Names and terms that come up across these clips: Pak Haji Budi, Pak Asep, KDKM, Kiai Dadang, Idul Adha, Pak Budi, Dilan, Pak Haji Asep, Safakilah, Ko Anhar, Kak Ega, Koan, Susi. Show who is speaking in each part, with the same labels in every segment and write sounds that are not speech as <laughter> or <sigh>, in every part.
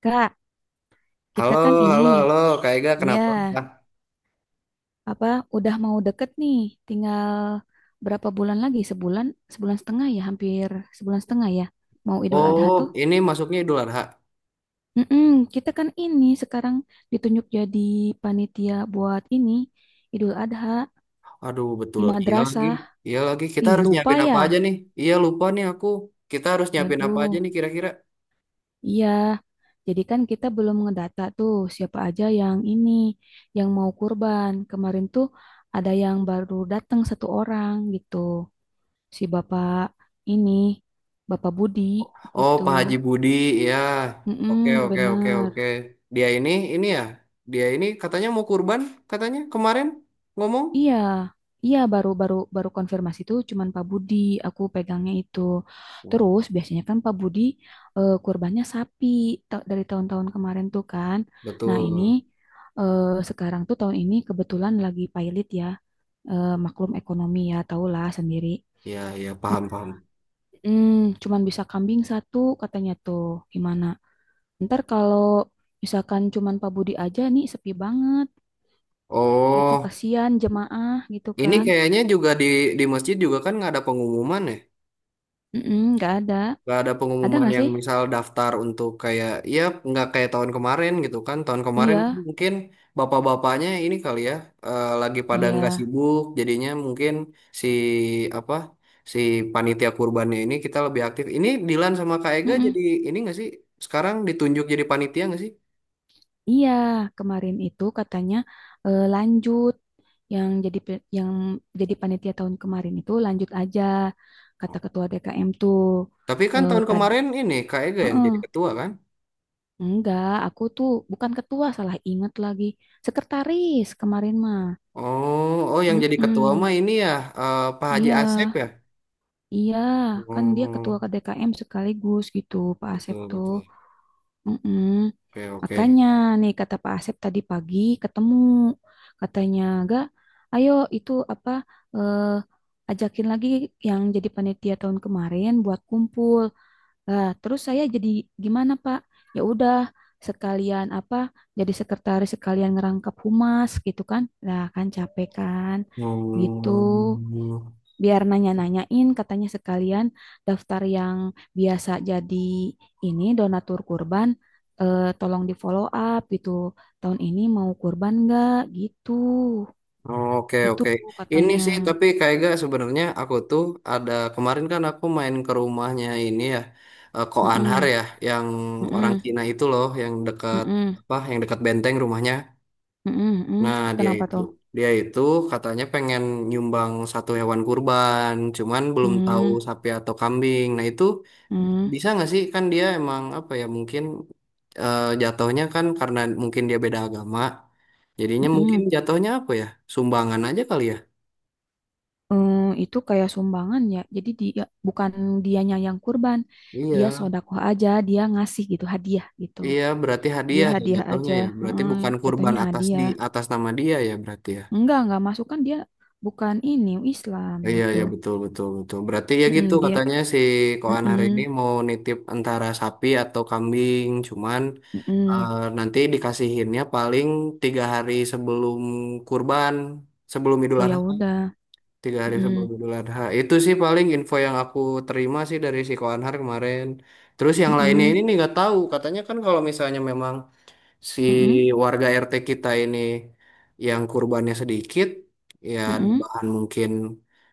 Speaker 1: Kak, kita
Speaker 2: Halo,
Speaker 1: kan ini,
Speaker 2: halo, halo, Kak Ega, kenapa?
Speaker 1: ya, apa udah mau deket nih, tinggal berapa bulan lagi? Sebulan, sebulan setengah ya, hampir sebulan setengah ya. Mau Idul Adha
Speaker 2: Oh,
Speaker 1: tuh.
Speaker 2: ini masuknya Idul Adha.
Speaker 1: Mm-mm, kita kan ini sekarang ditunjuk jadi panitia buat ini Idul Adha
Speaker 2: Aduh,
Speaker 1: di
Speaker 2: betul. Iya lagi,
Speaker 1: madrasah.
Speaker 2: iya lagi. Kita
Speaker 1: Ih,
Speaker 2: harus
Speaker 1: lupa
Speaker 2: nyiapin apa
Speaker 1: ya.
Speaker 2: aja nih? Iya, lupa nih aku. Kita harus nyiapin apa aja
Speaker 1: Aduh,
Speaker 2: nih kira-kira?
Speaker 1: iya. Jadi kan kita belum ngedata tuh siapa aja yang ini yang mau kurban. Kemarin tuh ada yang baru datang satu orang gitu. Si bapak ini, bapak Budi
Speaker 2: Oh,
Speaker 1: gitu.
Speaker 2: Pak Haji Budi, ya. Oke,
Speaker 1: Mm-mm,
Speaker 2: oke, oke, oke.
Speaker 1: bener.
Speaker 2: Dia ini ya. Dia ini katanya mau kurban, katanya kemarin ngomong.
Speaker 1: Iya, iya baru baru baru konfirmasi itu cuman Pak Budi aku pegangnya itu.
Speaker 2: Hmm,
Speaker 1: Terus biasanya kan Pak Budi kurbannya sapi dari tahun-tahun kemarin tuh kan. Nah ini
Speaker 2: betul.
Speaker 1: eh, sekarang tuh tahun ini kebetulan lagi pailit ya. Maklum ekonomi ya tahulah sendiri.
Speaker 2: Ya, ya, paham,
Speaker 1: Nah,
Speaker 2: paham.
Speaker 1: Mm, cuman bisa kambing satu katanya tuh gimana? Ntar kalau misalkan cuman Pak Budi aja nih sepi banget gitu.
Speaker 2: Oh,
Speaker 1: Kasihan jemaah gitu
Speaker 2: ini
Speaker 1: kan.
Speaker 2: kayaknya juga di masjid juga kan nggak ada pengumuman ya?
Speaker 1: Nggak ada.
Speaker 2: Nggak ada
Speaker 1: Ada
Speaker 2: pengumuman
Speaker 1: nggak
Speaker 2: yang
Speaker 1: sih?
Speaker 2: misal daftar untuk kayak ya, nggak kayak tahun kemarin gitu kan. Tahun kemarin kan
Speaker 1: Iya,
Speaker 2: mungkin bapak-bapaknya ini kali ya, lagi pada nggak
Speaker 1: iya.
Speaker 2: sibuk jadinya mungkin si apa si panitia kurbannya ini kita lebih aktif, ini Dilan sama Kak Ega
Speaker 1: Mm-mm.
Speaker 2: jadi ini nggak sih, sekarang ditunjuk jadi panitia nggak sih?
Speaker 1: Iya, kemarin itu katanya lanjut yang jadi yang jadi panitia tahun kemarin itu lanjut aja kata ketua DKM tuh.
Speaker 2: Tapi kan
Speaker 1: Eh,
Speaker 2: tahun
Speaker 1: tadi
Speaker 2: kemarin ini Kak Ega yang
Speaker 1: Heeh.
Speaker 2: jadi ketua kan?
Speaker 1: Enggak, aku tuh bukan ketua, salah ingat lagi. Sekretaris kemarin mah.
Speaker 2: Oh, oh, yang jadi ketua
Speaker 1: Mm-mm.
Speaker 2: mah ini ya, Pak Haji
Speaker 1: Iya.
Speaker 2: Asep ya.
Speaker 1: Iya, kan dia ketua
Speaker 2: Oh,
Speaker 1: KDKM sekaligus gitu, Pak Asep
Speaker 2: betul,
Speaker 1: tuh.
Speaker 2: betul.
Speaker 1: Mm-mm.
Speaker 2: Oke, oke.
Speaker 1: Makanya nih kata Pak Asep tadi pagi ketemu, katanya, Ga, ayo itu apa eh, ajakin lagi yang jadi panitia tahun kemarin buat kumpul. Lah, terus saya jadi gimana Pak? Ya udah sekalian apa jadi sekretaris sekalian ngerangkap humas gitu kan? Lah kan capek kan gitu
Speaker 2: Hmm.
Speaker 1: biar nanya-nanyain katanya sekalian daftar yang biasa jadi ini donatur kurban, tolong di follow up gitu, tahun ini mau kurban nggak gitu,
Speaker 2: Oke,
Speaker 1: itu
Speaker 2: oke. Ini
Speaker 1: katanya.
Speaker 2: sih tapi kayak gak, sebenarnya aku tuh ada kemarin kan aku main ke rumahnya ini ya, Ko Anhar
Speaker 1: Mm-mm,
Speaker 2: ya, yang orang
Speaker 1: mm-mm,
Speaker 2: Cina itu loh, yang dekat
Speaker 1: mm-mm,
Speaker 2: apa, yang dekat benteng rumahnya.
Speaker 1: mm-mm, mm-mm.
Speaker 2: Nah, dia
Speaker 1: Kenapa
Speaker 2: itu
Speaker 1: tuh?
Speaker 2: dia itu katanya pengen nyumbang satu hewan kurban, cuman belum tahu
Speaker 1: mm,
Speaker 2: sapi atau kambing. Nah, itu
Speaker 1: mm,
Speaker 2: bisa nggak sih kan dia emang apa ya mungkin jatuhnya kan karena mungkin dia beda agama. Jadinya mungkin
Speaker 1: mm-mm.
Speaker 2: jatuhnya apa ya? Sumbangan aja kali ya.
Speaker 1: Eh, itu kayak sumbangan ya, jadi dia bukan dianya yang kurban, dia
Speaker 2: Iya.
Speaker 1: sodakoh aja, dia ngasih gitu hadiah gitu.
Speaker 2: Iya, berarti
Speaker 1: Dia
Speaker 2: hadiah ya
Speaker 1: hadiah
Speaker 2: jatuhnya
Speaker 1: aja.
Speaker 2: ya. Berarti
Speaker 1: Heeh,
Speaker 2: bukan kurban
Speaker 1: jatuhnya
Speaker 2: atas di
Speaker 1: hadiah.
Speaker 2: atas nama dia ya berarti ya.
Speaker 1: Enggak masuk kan dia bukan ini Islam
Speaker 2: Iya,
Speaker 1: gitu.
Speaker 2: iya, betul, betul, betul. Berarti ya
Speaker 1: Mm-mm,
Speaker 2: gitu
Speaker 1: dia,
Speaker 2: katanya si Koan hari ini
Speaker 1: mm-mm,
Speaker 2: mau nitip antara sapi atau kambing, cuman
Speaker 1: mm-mm.
Speaker 2: nanti dikasihinnya paling 3 hari sebelum kurban, sebelum Idul
Speaker 1: Oh ya
Speaker 2: Adha,
Speaker 1: udah,
Speaker 2: tiga hari
Speaker 1: mm-mm,
Speaker 2: sebelum Idul Adha. Itu sih paling info yang aku terima sih dari si Koanhar kemarin. Terus yang lainnya ini
Speaker 1: mm-mm,
Speaker 2: nih nggak tahu. Katanya kan kalau misalnya memang si
Speaker 1: mm-mm,
Speaker 2: warga RT kita ini yang kurbannya sedikit, ya
Speaker 1: mm-mm.
Speaker 2: bahan mungkin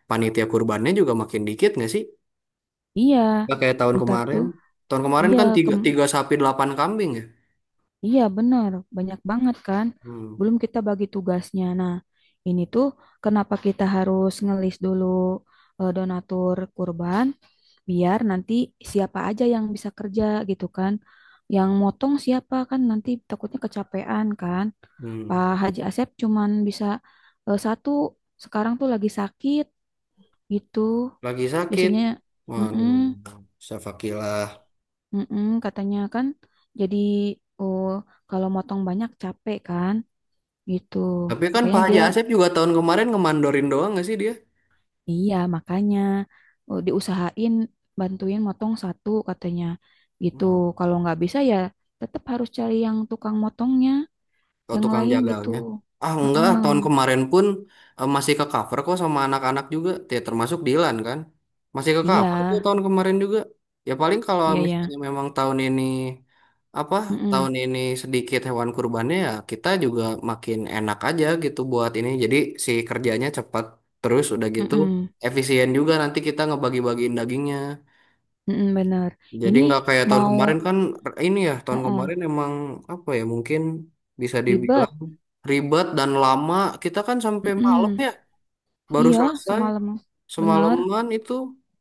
Speaker 2: panitia kurbannya juga makin dikit nggak sih?
Speaker 1: Iya,
Speaker 2: Nggak kayak tahun
Speaker 1: ntar
Speaker 2: kemarin.
Speaker 1: tuh,
Speaker 2: Tahun kemarin
Speaker 1: iya,
Speaker 2: kan tiga,
Speaker 1: kem-
Speaker 2: tiga sapi delapan kambing ya.
Speaker 1: iya benar, banyak banget kan.
Speaker 2: Hmm,
Speaker 1: Belum kita bagi tugasnya. Nah, ini tuh kenapa kita harus ngelis dulu donatur kurban? Biar nanti siapa aja yang bisa kerja gitu kan. Yang motong siapa kan nanti takutnya kecapean kan.
Speaker 2: hmm.
Speaker 1: Pak Haji Asep cuman bisa satu, sekarang tuh lagi sakit gitu.
Speaker 2: Lagi sakit.
Speaker 1: Biasanya mm-mm,
Speaker 2: Waduh, Safakilah.
Speaker 1: mm-mm, katanya kan, jadi oh, kalau motong banyak capek kan gitu.
Speaker 2: Tapi kan
Speaker 1: Makanya
Speaker 2: Pak Haji
Speaker 1: dia,
Speaker 2: Asep juga tahun kemarin ngemandorin doang nggak sih dia?
Speaker 1: iya, makanya diusahain bantuin motong satu katanya gitu. Kalau nggak bisa ya tetap harus cari yang tukang motongnya,
Speaker 2: Oh,
Speaker 1: yang
Speaker 2: tukang
Speaker 1: lain gitu.
Speaker 2: jagalnya. Ah, enggak, ah,
Speaker 1: Heeh.
Speaker 2: tahun kemarin pun masih ke cover kok sama anak-anak juga. Ya, termasuk Dilan kan. Masih ke
Speaker 1: Iya,
Speaker 2: cover kok tahun kemarin juga. Ya paling kalau
Speaker 1: iya ya.
Speaker 2: misalnya memang tahun ini apa?
Speaker 1: Heeh.
Speaker 2: Tahun ini sedikit hewan kurbannya ya kita juga makin enak aja gitu buat ini. Jadi si kerjanya cepat, terus udah gitu
Speaker 1: Heeh.
Speaker 2: efisien juga nanti kita ngebagi-bagiin dagingnya.
Speaker 1: Heeh, bener.
Speaker 2: Jadi
Speaker 1: Ini
Speaker 2: nggak kayak tahun
Speaker 1: mau
Speaker 2: kemarin kan. Ini ya tahun
Speaker 1: heeh,
Speaker 2: kemarin emang apa ya, mungkin bisa dibilang
Speaker 1: ribet.
Speaker 2: ribet dan lama. Kita kan sampai malam
Speaker 1: Heeh.
Speaker 2: ya baru
Speaker 1: Iya,
Speaker 2: selesai,
Speaker 1: semalam. Bener.
Speaker 2: semalaman itu.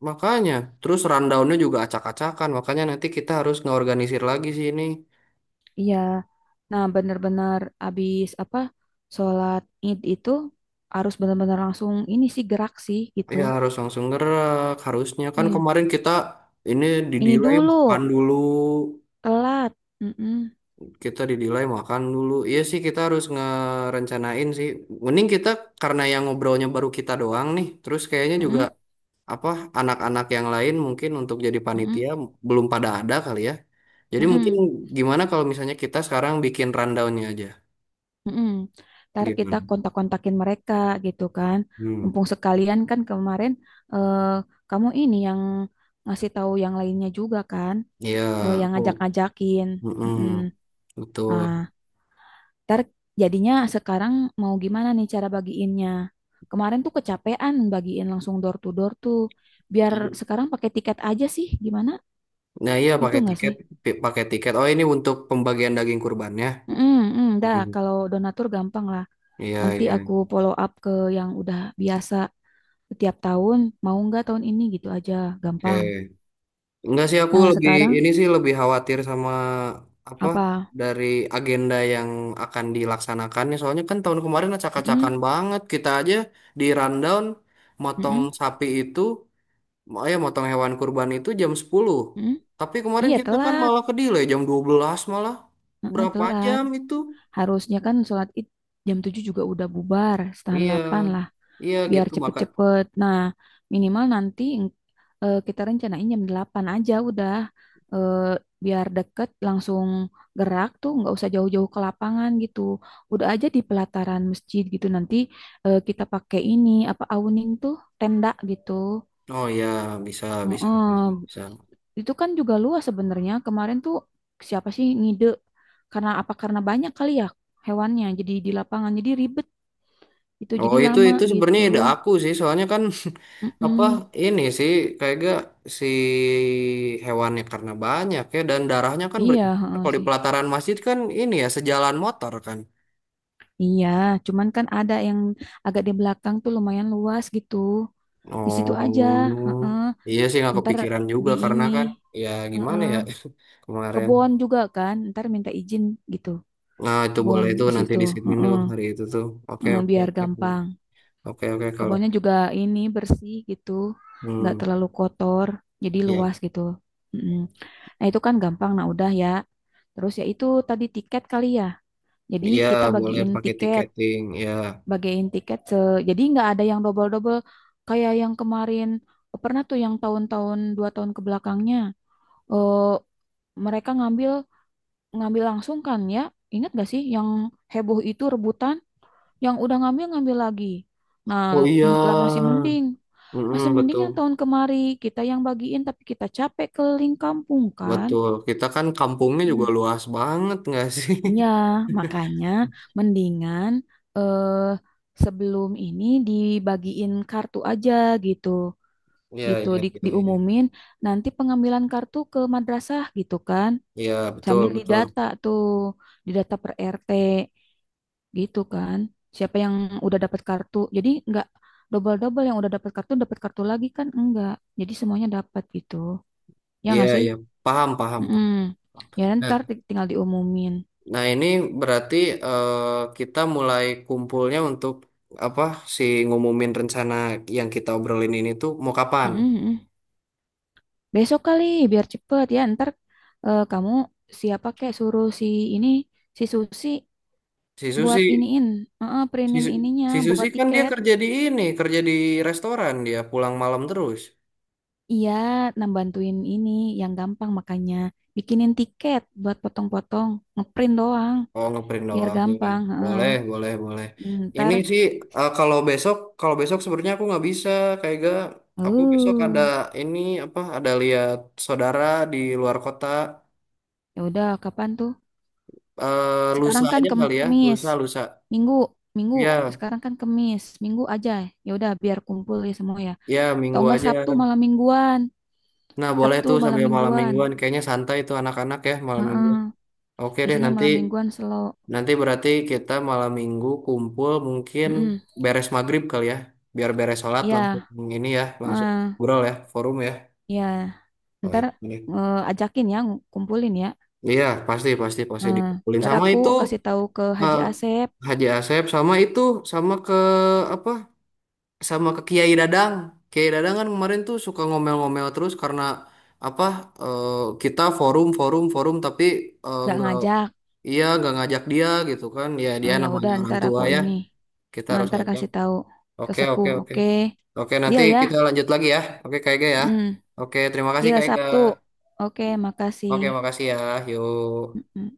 Speaker 2: Makanya terus rundownnya juga acak-acakan, makanya nanti kita harus ngeorganisir lagi sih ini.
Speaker 1: Iya. Nah, bener-bener abis apa? Sholat Id itu harus bener-bener langsung ini sih gerak sih gitu.
Speaker 2: Ya harus langsung gerak, harusnya kan
Speaker 1: Iya.
Speaker 2: kemarin kita ini di
Speaker 1: Ini
Speaker 2: makan
Speaker 1: dulu,
Speaker 2: dulu.
Speaker 1: telat. Mm-mm,
Speaker 2: Kita dinilai makan dulu. Iya sih, kita harus ngerencanain sih. Mending kita, karena yang ngobrolnya baru kita doang nih. Terus kayaknya juga
Speaker 1: mm-mm,
Speaker 2: apa, anak-anak yang lain mungkin untuk jadi
Speaker 1: mm-mm,
Speaker 2: panitia belum pada ada kali ya. Jadi mungkin
Speaker 1: mm-mm,
Speaker 2: gimana kalau misalnya kita sekarang bikin rundownnya aja.
Speaker 1: mm-mm. Ntar kita
Speaker 2: Gimana?
Speaker 1: kontak-kontakin mereka gitu kan.
Speaker 2: Hmm.
Speaker 1: Mumpung sekalian kan kemarin eh, kamu ini yang ngasih tahu yang lainnya juga kan,
Speaker 2: Iya,
Speaker 1: yang
Speaker 2: aku,
Speaker 1: ngajak-ngajakin. Mm-mm.
Speaker 2: mm-mm.
Speaker 1: Nah,
Speaker 2: Betul.
Speaker 1: ntar jadinya sekarang mau gimana nih cara bagiinnya? Kemarin tuh kecapean bagiin langsung door to door tuh. Biar
Speaker 2: I-
Speaker 1: sekarang pakai tiket aja sih, gimana?
Speaker 2: Nah, iya
Speaker 1: Gitu
Speaker 2: pakai
Speaker 1: nggak
Speaker 2: tiket,
Speaker 1: sih?
Speaker 2: pakai tiket. Oh, ini untuk pembagian daging kurbannya.
Speaker 1: Mm, Dah
Speaker 2: Hmm.
Speaker 1: kalau donatur gampang lah.
Speaker 2: Iya,
Speaker 1: Nanti
Speaker 2: iya.
Speaker 1: aku follow up ke yang udah biasa setiap tahun. Mau nggak tahun ini gitu aja,
Speaker 2: Oke.
Speaker 1: gampang.
Speaker 2: Enggak sih, aku
Speaker 1: Nah
Speaker 2: lebih
Speaker 1: sekarang
Speaker 2: ini sih, lebih khawatir sama apa,
Speaker 1: apa?
Speaker 2: dari agenda yang akan dilaksanakannya. Soalnya kan tahun kemarin acak-acakan
Speaker 1: Mm,
Speaker 2: banget, kita aja di rundown motong
Speaker 1: mm,
Speaker 2: sapi itu, ya motong hewan kurban itu jam 10.
Speaker 1: mm.
Speaker 2: Tapi kemarin
Speaker 1: Iya
Speaker 2: kita kan
Speaker 1: telat,
Speaker 2: malah ke delay jam 12 malah. Berapa
Speaker 1: Telat.
Speaker 2: jam itu?
Speaker 1: Harusnya kan sholat id jam 7 juga udah bubar, setengah
Speaker 2: Iya.
Speaker 1: 8 lah.
Speaker 2: Iya
Speaker 1: Biar
Speaker 2: gitu maka.
Speaker 1: cepet-cepet. Nah, minimal nanti kita rencanain jam 8 aja udah. Eh, Biar deket langsung gerak tuh nggak usah jauh-jauh ke lapangan gitu. Udah aja di pelataran masjid gitu nanti kita pakai ini apa awning tuh tenda gitu.
Speaker 2: Oh ya, bisa, bisa, bisa,
Speaker 1: Heeh.
Speaker 2: bisa.
Speaker 1: Itu kan juga luas sebenarnya. Kemarin tuh siapa sih ngide, karena apa, karena banyak kali ya hewannya jadi di lapangan jadi ribet itu
Speaker 2: Oh,
Speaker 1: jadi
Speaker 2: itu
Speaker 1: lama
Speaker 2: itu sebenarnya
Speaker 1: gitu.
Speaker 2: ide aku sih, soalnya kan <laughs> apa,
Speaker 1: Mm-mm.
Speaker 2: ini sih kayak gak, si hewannya karena banyak ya dan darahnya kan
Speaker 1: Iya,
Speaker 2: berceceran
Speaker 1: heeh
Speaker 2: kalau di
Speaker 1: sih.
Speaker 2: pelataran masjid kan ini ya sejalan motor kan.
Speaker 1: Iya, cuman kan ada yang agak di belakang tuh lumayan luas gitu. Di situ aja,
Speaker 2: Oh
Speaker 1: heeh.
Speaker 2: iya sih, nggak
Speaker 1: Ntar
Speaker 2: kepikiran juga
Speaker 1: di
Speaker 2: karena
Speaker 1: ini,
Speaker 2: kan ya gimana
Speaker 1: heeh.
Speaker 2: ya <laughs> kemarin.
Speaker 1: Kebon juga kan, ntar minta izin gitu.
Speaker 2: Nah itu
Speaker 1: Kebon
Speaker 2: boleh, itu
Speaker 1: di
Speaker 2: nanti
Speaker 1: situ,
Speaker 2: di sini tuh
Speaker 1: heeh.
Speaker 2: hari itu tuh. Oke,
Speaker 1: Heeh,
Speaker 2: oke,
Speaker 1: biar
Speaker 2: oke,
Speaker 1: gampang.
Speaker 2: oke, oke kalau
Speaker 1: Kebunnya juga ini bersih gitu, nggak
Speaker 2: hmm
Speaker 1: terlalu kotor, jadi
Speaker 2: ya,
Speaker 1: luas gitu. Heeh. Nah itu kan gampang, nah udah ya. Terus ya itu tadi tiket kali ya. Jadi
Speaker 2: ya
Speaker 1: kita
Speaker 2: boleh
Speaker 1: bagiin
Speaker 2: pakai
Speaker 1: tiket.
Speaker 2: tiketing ya.
Speaker 1: Bagiin tiket jadi nggak ada yang double-double kayak yang kemarin pernah tuh, yang tahun-tahun dua tahun kebelakangnya eh mereka ngambil, ngambil langsung kan ya, ingat gak sih yang heboh itu rebutan, yang udah ngambil ngambil lagi, nah
Speaker 2: Oh, iya.
Speaker 1: lah masih mending, masih
Speaker 2: Mm-mm,
Speaker 1: mending yang
Speaker 2: betul.
Speaker 1: tahun kemari kita yang bagiin tapi kita capek keliling kampung kan.
Speaker 2: Betul, kita kan kampungnya
Speaker 1: Hmm.
Speaker 2: juga luas banget nggak sih?
Speaker 1: Ya
Speaker 2: <laughs>
Speaker 1: makanya mendingan eh sebelum ini dibagiin kartu aja gitu.
Speaker 2: Iya,
Speaker 1: Gitu
Speaker 2: iya, iya, iya.
Speaker 1: diumumin nanti pengambilan kartu ke madrasah gitu kan,
Speaker 2: Iya, betul,
Speaker 1: sambil
Speaker 2: betul.
Speaker 1: didata tuh, didata per RT gitu kan, siapa yang udah dapat kartu, jadi nggak double-double, yang udah dapat kartu lagi kan enggak, jadi semuanya dapat gitu, ya
Speaker 2: Iya,
Speaker 1: nggak sih.
Speaker 2: iya, paham, paham,
Speaker 1: Mm-mm.
Speaker 2: paham.
Speaker 1: Ya
Speaker 2: Nah,
Speaker 1: ntar tinggal diumumin.
Speaker 2: nah, ini berarti eh, kita mulai kumpulnya untuk apa si ngumumin rencana yang kita obrolin ini tuh mau kapan?
Speaker 1: Mm-mm, mm-mm. Besok kali biar cepet ya, ntar kamu siapa kayak suruh si ini, si Susi
Speaker 2: Si
Speaker 1: buat
Speaker 2: Susi,
Speaker 1: iniin,
Speaker 2: si,
Speaker 1: printin
Speaker 2: Su-
Speaker 1: ininya
Speaker 2: si Susi
Speaker 1: buat
Speaker 2: kan dia
Speaker 1: tiket.
Speaker 2: kerja di ini, kerja di restoran, dia pulang malam terus.
Speaker 1: Iya, nah bantuin ini yang gampang, makanya bikinin tiket buat potong-potong, ngeprint doang
Speaker 2: Oh, ngeprint
Speaker 1: biar
Speaker 2: doang. Iya, kan?
Speaker 1: gampang. Heeh.
Speaker 2: Boleh, boleh, boleh. Ini
Speaker 1: Ntar,
Speaker 2: sih eh, kalau besok, kalau besok sebenarnya aku nggak bisa, kayak gak. Aku besok ada
Speaker 1: uh,
Speaker 2: ini apa? Ada lihat saudara di luar kota.
Speaker 1: ya udah kapan tuh?
Speaker 2: Lusa
Speaker 1: Sekarang kan
Speaker 2: aja kali ya,
Speaker 1: Kemis,
Speaker 2: lusa, lusa.
Speaker 1: Minggu, Minggu.
Speaker 2: Ya,
Speaker 1: Sekarang kan Kemis, Minggu aja. Ya udah biar kumpul ya semua ya.
Speaker 2: ya
Speaker 1: Atau
Speaker 2: minggu
Speaker 1: enggak
Speaker 2: aja.
Speaker 1: Sabtu malam mingguan,
Speaker 2: Nah, boleh
Speaker 1: Sabtu
Speaker 2: tuh
Speaker 1: malam
Speaker 2: sambil malam
Speaker 1: mingguan.
Speaker 2: mingguan. Kayaknya santai tuh anak-anak ya malam mingguan.
Speaker 1: Heeh.
Speaker 2: Oke deh,
Speaker 1: Biasanya
Speaker 2: nanti
Speaker 1: malam mingguan slow.
Speaker 2: nanti berarti kita malam minggu kumpul mungkin
Speaker 1: Mm-mm.
Speaker 2: beres maghrib kali ya. Biar beres sholat langsung
Speaker 1: Iya,
Speaker 2: ini ya, langsung.
Speaker 1: heeh.
Speaker 2: Ngobrol ya, forum ya.
Speaker 1: Iya.
Speaker 2: Oh,
Speaker 1: Ntar
Speaker 2: iya, ini.
Speaker 1: ajakin ya, ngumpulin ya.
Speaker 2: Iya, pasti, pasti, pasti
Speaker 1: Nah,
Speaker 2: dikumpulin
Speaker 1: ntar
Speaker 2: sama
Speaker 1: aku
Speaker 2: itu,
Speaker 1: kasih tahu ke Haji
Speaker 2: eh,
Speaker 1: Asep,
Speaker 2: Haji Asep sama itu sama ke apa? Sama ke Kiai Dadang. Kiai Dadang kan kemarin tuh suka ngomel-ngomel terus karena apa? eh, kita forum, forum, forum tapi
Speaker 1: nggak
Speaker 2: nggak,
Speaker 1: ngajak.
Speaker 2: iya nggak ngajak dia gitu kan. Ya
Speaker 1: Nah,
Speaker 2: dia
Speaker 1: ya udah,
Speaker 2: namanya orang
Speaker 1: ntar
Speaker 2: tua
Speaker 1: aku
Speaker 2: ya.
Speaker 1: ini,
Speaker 2: Kita
Speaker 1: nah,
Speaker 2: harus
Speaker 1: ntar
Speaker 2: ngajak.
Speaker 1: kasih tahu ke
Speaker 2: Oke,
Speaker 1: sepuh.
Speaker 2: oke, oke.
Speaker 1: Oke,
Speaker 2: Oke, nanti
Speaker 1: deal ya.
Speaker 2: kita lanjut lagi ya. Oke, Kak Ega ya.
Speaker 1: Hmm,
Speaker 2: Oke, terima kasih
Speaker 1: deal
Speaker 2: Kak Ega.
Speaker 1: Sabtu. Oke, makasih.
Speaker 2: Oke, makasih ya. Yuk.
Speaker 1: Mm-mm.